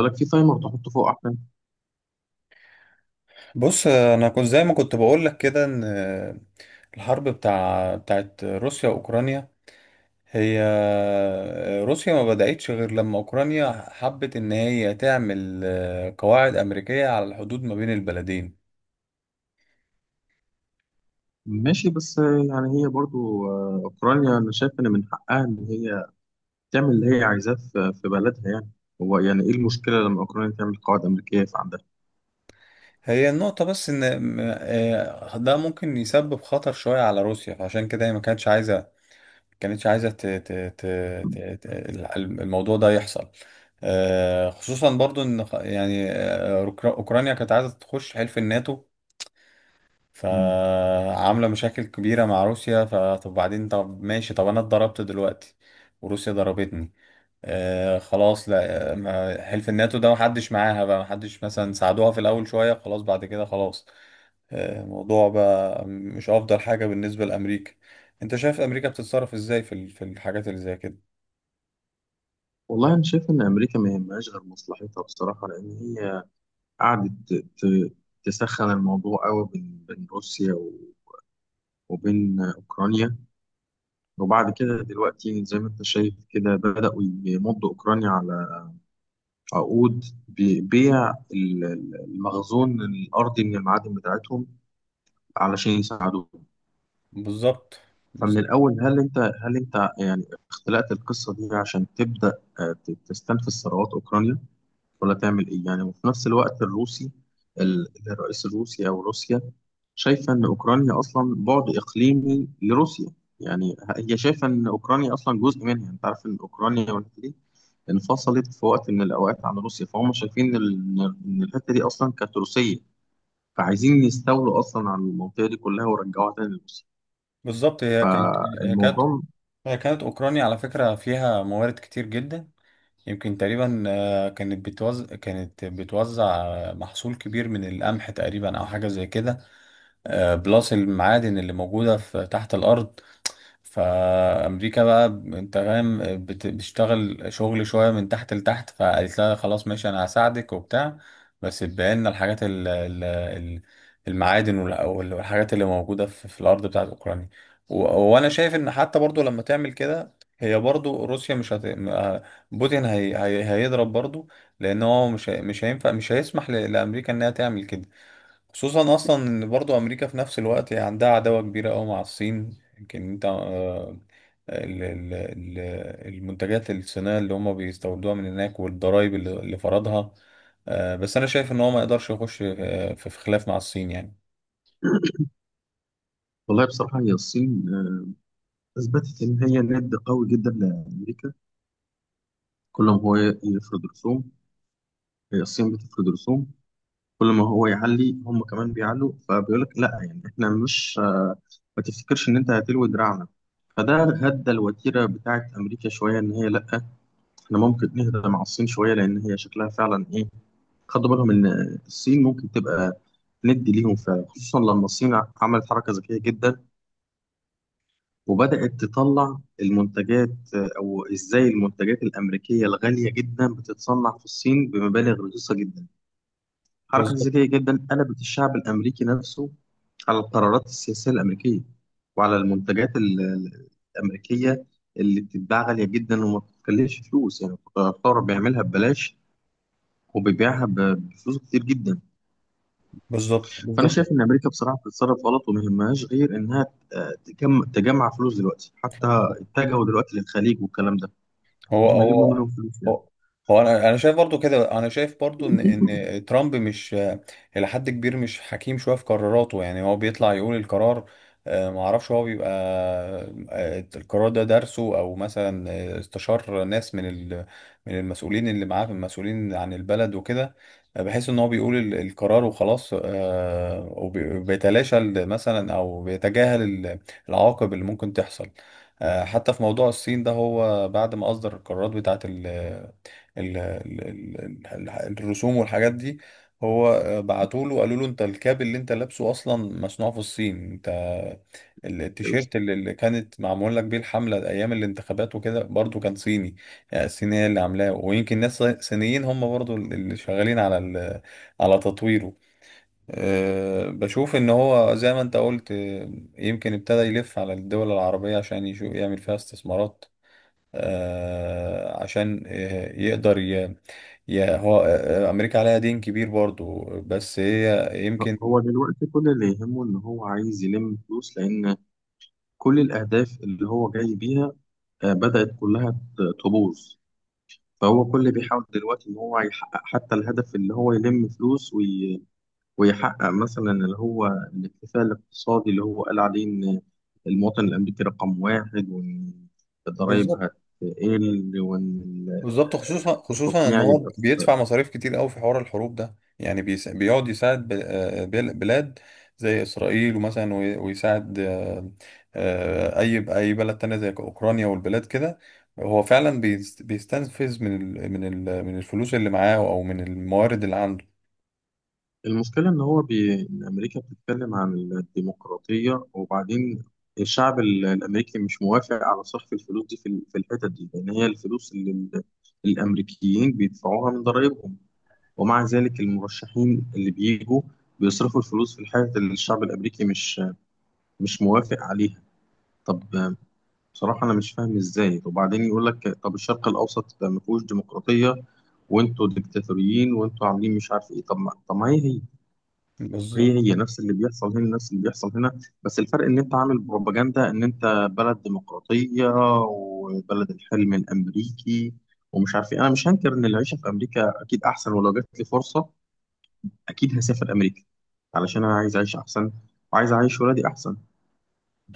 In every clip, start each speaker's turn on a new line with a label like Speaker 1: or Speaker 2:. Speaker 1: لك في تايمر تحطه فوق احسن.
Speaker 2: بص، انا كنت زي ما كنت بقول لك كده ان الحرب بتاعت روسيا واوكرانيا. هي روسيا ما بدأتش غير لما اوكرانيا حبت ان هي تعمل قواعد امريكية على الحدود ما بين البلدين.
Speaker 1: ماشي، بس يعني هي برضو اوكرانيا، انا شايف ان من حقها ان هي تعمل اللي هي عايزاه في بلدها، يعني. هو يعني ايه المشكله لما اوكرانيا تعمل قواعد امريكيه في عندها؟
Speaker 2: هي النقطة بس ان ده ممكن يسبب خطر شوية على روسيا، فعشان كده هي ما كانتش عايزة، كانتش عايزة ت... ت... ت... الموضوع ده يحصل. خصوصا برضو ان يعني اوكرانيا كانت عايزة تخش حلف الناتو،
Speaker 1: مم.
Speaker 2: فعاملة مشاكل كبيرة مع روسيا. فطب بعدين طب ماشي طب انا اتضربت دلوقتي وروسيا ضربتني. خلاص، لا حلف الناتو ده محدش معاها بقى، محدش مثلا ساعدوها في الاول شوية خلاص بعد كده خلاص. الموضوع بقى مش افضل حاجة بالنسبة لامريكا. انت شايف امريكا بتتصرف ازاي في في الحاجات اللي زي كده؟
Speaker 1: والله انا شايف ان امريكا ما يهمهاش غير مصلحتها بصراحه، لان هي قعدت تسخن الموضوع قوي بين روسيا وبين اوكرانيا. وبعد كده دلوقتي زي ما انت شايف كده، بداوا يمضوا اوكرانيا على عقود ببيع المخزون الأرضي من المعادن بتاعتهم علشان يساعدوهم.
Speaker 2: بالظبط،
Speaker 1: فمن
Speaker 2: بالظبط،
Speaker 1: الأول، هل أنت يعني اختلقت القصة دي عشان تبدأ تستنفذ ثروات أوكرانيا ولا تعمل إيه؟ يعني، وفي نفس الوقت الروسي، الرئيس الروسي أو روسيا شايفة إن أوكرانيا أصلا بعد إقليمي لروسيا. يعني هي شايفة إن أوكرانيا أصلا جزء منها. أنت عارف إن أوكرانيا والحتة دي انفصلت في وقت من الأوقات عن روسيا، فهم شايفين إن الحتة دي أصلا كانت روسية، فعايزين يستولوا أصلا على المنطقة دي كلها ويرجعوها تاني لروسيا.
Speaker 2: بالظبط. هي كانت
Speaker 1: فالموضوع،
Speaker 2: هي كانت أوكرانيا على فكرة فيها موارد كتير جدا. يمكن تقريبا، كانت بتوزع محصول كبير من القمح تقريبا أو حاجة زي كده. بلس المعادن اللي موجودة في تحت الأرض. فامريكا بقى انت فاهم، بتشتغل شغل شويه من تحت لتحت، فقالت لها خلاص ماشي انا هساعدك وبتاع، بس تبقى لنا الحاجات المعادن والحاجات اللي موجوده في الارض بتاعت اوكرانيا. و- وانا شايف ان حتى برضو لما تعمل كده، هي برضو روسيا مش هت... م- آه، بوتين هيضرب برضو، لان هو مش هيسمح لامريكا انها تعمل كده. خصوصا اصلا ان برضو امريكا في نفس الوقت هي عندها عداوة كبيرة قوي مع الصين. يمكن انت ال- ال- ال- المنتجات الصينية اللي هم بيستوردوها من هناك والضرائب اللي فرضها. بس انا شايف ان هو ما يقدرش يخش في خلاف مع الصين يعني.
Speaker 1: والله بصراحة هي الصين أثبتت إن هي ند قوي جدا لأمريكا. كل ما هو يفرض رسوم، هي الصين بتفرض رسوم. كل ما هو يعلي، هم كمان بيعلوا، فبيقول لك لا، يعني احنا مش ما تفتكرش ان انت هتلوي دراعنا. فده هدى الوتيره بتاعت امريكا شويه، ان هي لا، احنا ممكن نهدى مع الصين شويه، لان هي شكلها فعلا ايه. خدوا بالهم ان الصين ممكن تبقى ندي ليهم فعلا، خصوصا لما الصين عملت حركه ذكيه جدا، وبدات تطلع المنتجات او ازاي المنتجات الامريكيه الغاليه جدا بتتصنع في الصين بمبالغ رخيصه جدا. حركة
Speaker 2: بالظبط،
Speaker 1: ذكية جدا قلبت الشعب الأمريكي نفسه على القرارات السياسية الأمريكية، وعلى المنتجات الأمريكية اللي بتتباع غالية جدا وما بتكلفش فلوس، يعني الثورة بيعملها ببلاش، وبيبيعها بفلوس كتير جدا.
Speaker 2: بالظبط،
Speaker 1: فأنا شايف
Speaker 2: بالظبط.
Speaker 1: إن أمريكا بصراحة بتتصرف غلط، وما يهمهاش غير إنها تجمع فلوس دلوقتي. حتى اتجهوا دلوقتي للخليج والكلام ده،
Speaker 2: هو
Speaker 1: هم يلموا
Speaker 2: هو
Speaker 1: منهم فلوس، يعني.
Speaker 2: هو هو انا شايف برضو ان ترامب مش الى حد كبير مش حكيم شويه في قراراته. يعني هو بيطلع يقول القرار، ما اعرفش هو بيبقى القرار ده درسه او مثلا استشار ناس من من المسؤولين اللي معاه، المسؤولين عن البلد وكده، بحيث ان هو بيقول القرار وخلاص. وبيتلاشى مثلا او بيتجاهل العواقب اللي ممكن تحصل. حتى في موضوع الصين ده، هو بعد ما أصدر القرارات بتاعة ال ال ال ال الرسوم والحاجات دي، هو بعتوا له قالوا له انت الكاب اللي انت لابسه اصلا مصنوع في الصين، انت التيشيرت اللي كانت معمول لك بيه الحملة ايام الانتخابات وكده برضو كان صيني. يعني الصينية اللي عاملاه ويمكن ناس صينيين هم برضو اللي شغالين على على تطويره. أه، بشوف ان هو زي ما انت قلت، يمكن ابتدى يلف على الدول العربية عشان يشوف يعمل فيها استثمارات. أه، عشان يقدر ي... ي... هو آه، امريكا عليها دين كبير برضو، بس هي يمكن.
Speaker 1: هو دلوقتي كل اللي يهمه إن هو عايز يلم فلوس، لأن كل الأهداف اللي هو جاي بيها بدأت كلها تبوظ. فهو كل اللي بيحاول دلوقتي إن هو يحقق حتى الهدف، اللي هو يلم فلوس ويحقق مثلا اللي هو الاكتفاء الاقتصادي، اللي هو قال عليه إن المواطن الأمريكي رقم واحد، وإن الضرايب
Speaker 2: بالظبط،
Speaker 1: هتقل، وإن
Speaker 2: بالظبط. خصوصا، خصوصا ان
Speaker 1: التصنيع
Speaker 2: هو
Speaker 1: يبقى.
Speaker 2: بيدفع مصاريف كتير قوي في حوار الحروب ده، يعني بيقعد يساعد بلاد زي اسرائيل ومثلا، ويساعد اي بلد تانية زي اوكرانيا والبلاد كده. هو فعلا بيستنفذ من من الفلوس اللي معاه او من الموارد اللي عنده.
Speaker 1: المشكلة إن هو إن أمريكا بتتكلم عن الديمقراطية، وبعدين الشعب الأمريكي مش موافق على صرف الفلوس دي في في الحتت دي، لأن هي الفلوس اللي الأمريكيين بيدفعوها من ضرائبهم. ومع ذلك المرشحين اللي بيجوا بيصرفوا الفلوس في الحتت اللي الشعب الأمريكي مش موافق عليها. طب بصراحة أنا مش فاهم إزاي. وبعدين يقول لك طب الشرق الأوسط ده ما فيهوش ديمقراطية، وانتوا ديكتاتوريين، وانتوا عاملين مش عارف ايه. طب ما هي هي هي
Speaker 2: بالظبط.
Speaker 1: هي نفس اللي بيحصل هنا، بس الفرق ان انت عامل بروباجندا، ان انت بلد ديمقراطية، وبلد الحلم الامريكي ومش عارف ايه. انا مش هنكر ان العيشة في امريكا اكيد احسن، ولو جات لي فرصة اكيد هسافر امريكا، علشان انا عايز اعيش احسن وعايز اعيش ولادي احسن.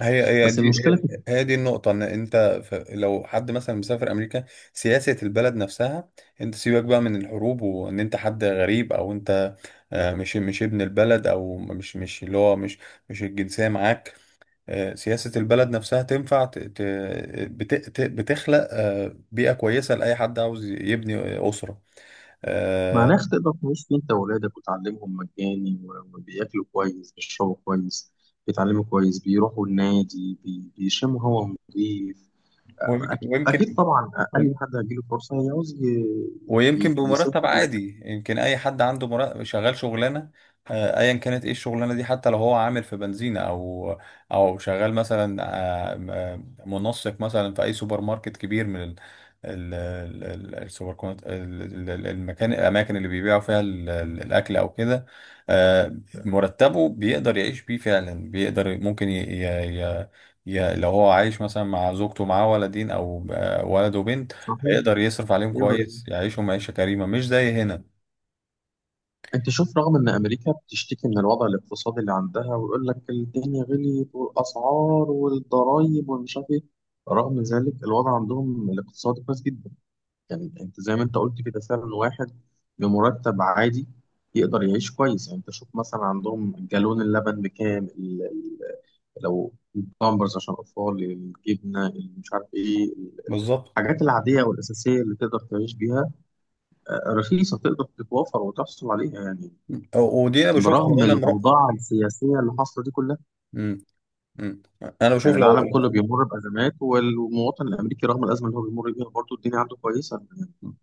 Speaker 2: هي هي
Speaker 1: بس
Speaker 2: دي
Speaker 1: المشكلة في
Speaker 2: هي هي دي النقطة. إن أنت لو حد مثلا مسافر أمريكا، سياسة البلد نفسها. أنت سيبك بقى من الحروب، وإن أنت حد غريب أو أنت مش ابن البلد، أو مش مش اللي هو مش مش الجنسية معاك. سياسة البلد نفسها تنفع بتخلق بيئة كويسة لأي حد عاوز يبني أسرة. آه،
Speaker 1: مناخ تقدر تعيش فيه انت وولادك، وتعلمهم مجاني، وبياكلوا كويس، بيشربوا كويس، بيتعلموا كويس، بيروحوا النادي، بيشموا هوا نضيف.
Speaker 2: ويمك-
Speaker 1: أكيد
Speaker 2: ويمكن
Speaker 1: طبعا، أي حد هيجيله فرصة يعوز
Speaker 2: ويمكن بمرتب
Speaker 1: يسافر لك.
Speaker 2: عادي. يمكن اي حد عنده مرتب، شغال شغلانه، ايا كانت ايه الشغلانه دي، حتى لو هو عامل في بنزينه، او شغال مثلا، آه، منسق مثلا في اي سوبر ماركت كبير، من السوبر كونت ال- ال- ال- المكان الاماكن اللي بيبيعوا فيها الاكل او كده. آه، مرتبه بيقدر يعيش بيه فعلا، بيقدر ممكن ي... ي... ي... ي- لو هو عايش مثلا مع زوجته معاه ولدين او ولد وبنت،
Speaker 1: صحيح،
Speaker 2: هيقدر يصرف عليهم
Speaker 1: يقدر يعمل.
Speaker 2: كويس، يعيشهم عيشة كريمة مش زي هنا.
Speaker 1: أنت شوف، رغم إن أمريكا بتشتكي من الوضع الاقتصادي اللي عندها، ويقول لك الدنيا غليت والأسعار والضرايب ومش عارف إيه، رغم ذلك الوضع عندهم الاقتصادي كويس جدا. يعني أنت زي ما أنت قلت كده، فعلا واحد بمرتب عادي يقدر يعيش كويس. يعني أنت شوف مثلا عندهم جالون اللبن بكام، لو البامبرز عشان الأطفال، الجبنة، مش عارف إيه.
Speaker 2: بالظبط.
Speaker 1: الحاجات العادية والأساسية اللي تقدر تعيش بيها رخيصة، تقدر تتوفر وتحصل عليها، يعني،
Speaker 2: ودي انا بشوفها
Speaker 1: برغم
Speaker 2: وانا مر...
Speaker 1: الأوضاع السياسية اللي حاصلة دي كلها.
Speaker 2: م- م. انا بشوف
Speaker 1: يعني
Speaker 2: لو.
Speaker 1: العالم كله بيمر بأزمات، والمواطن الأمريكي رغم الأزمة اللي هو بيمر بيها برضه الدنيا عنده كويسة.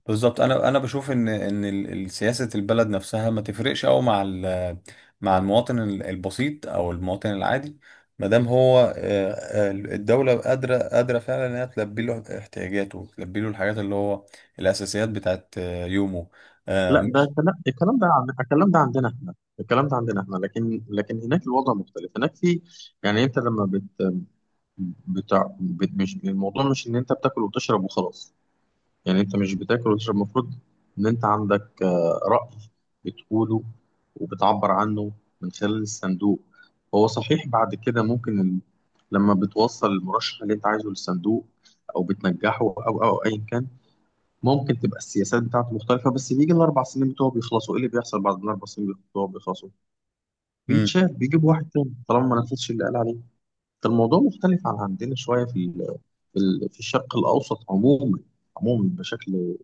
Speaker 2: بالظبط. انا بشوف ان سياسة البلد نفسها ما تفرقش قوي مع مع المواطن البسيط او المواطن العادي، ما دام هو الدولة قادرة فعلا انها تلبي له احتياجاته، تلبي له الحاجات اللي هو الاساسيات بتاعت يومه. آه،
Speaker 1: لا، ده
Speaker 2: مش
Speaker 1: كلام، الكلام ده عندنا احنا، لكن هناك الوضع مختلف. هناك في، يعني، انت لما بت بتاع بت مش، الموضوع مش ان انت بتاكل وتشرب وخلاص. يعني انت مش بتاكل وتشرب، المفروض ان انت عندك رأي بتقوله وبتعبر عنه من خلال الصندوق. هو صحيح، بعد كده ممكن لما بتوصل المرشح اللي انت عايزه للصندوق، او بتنجحه او ايا كان، ممكن تبقى السياسات بتاعته مختلفة. بس بيجي الاربع سنين بتوعه بيخلصوا، ايه اللي بيحصل بعد الاربع سنين بتوعه بيخلصوا؟ بيتشال، بيجيب واحد تاني طالما ما
Speaker 2: م.
Speaker 1: نفذش اللي قال عليه. فالموضوع مختلف عن عندنا شوية في في الشرق الاوسط عموما، عموما بشكل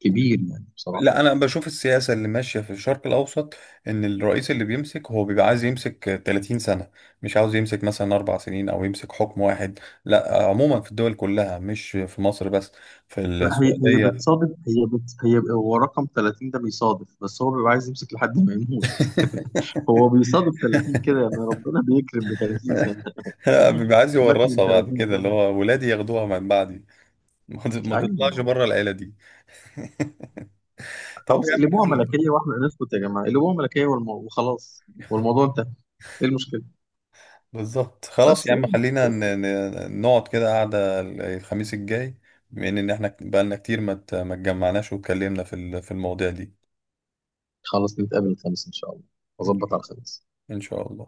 Speaker 1: كبير، يعني بصراحة.
Speaker 2: لا، انا بشوف السياسه اللي ماشيه في الشرق الاوسط ان الرئيس اللي بيمسك هو بيبقى عايز يمسك 30 سنه، مش عاوز يمسك مثلا 4 سنين او يمسك حكم واحد. لا، عموما في الدول كلها، مش في مصر بس، في
Speaker 1: لا، هي
Speaker 2: السعوديه.
Speaker 1: بتصادف، هي بت هي هو رقم 30 ده بيصادف، بس هو بيبقى عايز يمسك لحد ما يموت. هو بيصادف 30 كده، يعني ربنا بيكرم ب 30 سنة.
Speaker 2: بيبقى عايز
Speaker 1: مات من
Speaker 2: يورثها بعد
Speaker 1: 30
Speaker 2: كده،
Speaker 1: سنة.
Speaker 2: اللي هو ولادي ياخدوها من بعدي، ما
Speaker 1: ايوه ما
Speaker 2: تطلعش
Speaker 1: هو،
Speaker 2: بره العيله دي. طب
Speaker 1: خلاص
Speaker 2: يا عم
Speaker 1: قلبوها
Speaker 2: فل.
Speaker 1: ملكية واحنا نسكت يا جماعة، قلبوها ملكية وخلاص، والموضوع انتهى. ايه المشكلة؟
Speaker 2: بالظبط. خلاص يا
Speaker 1: بس
Speaker 2: عم خلينا
Speaker 1: بس
Speaker 2: نقعد كده قعدة الخميس الجاي، بما ان احنا بقالنا كتير ما اتجمعناش واتكلمنا في في المواضيع دي.
Speaker 1: خلاص نتقابل الخميس ان شاء الله.
Speaker 2: ان
Speaker 1: اظبط
Speaker 2: شاء
Speaker 1: على
Speaker 2: الله،
Speaker 1: الخميس.
Speaker 2: إن شاء الله.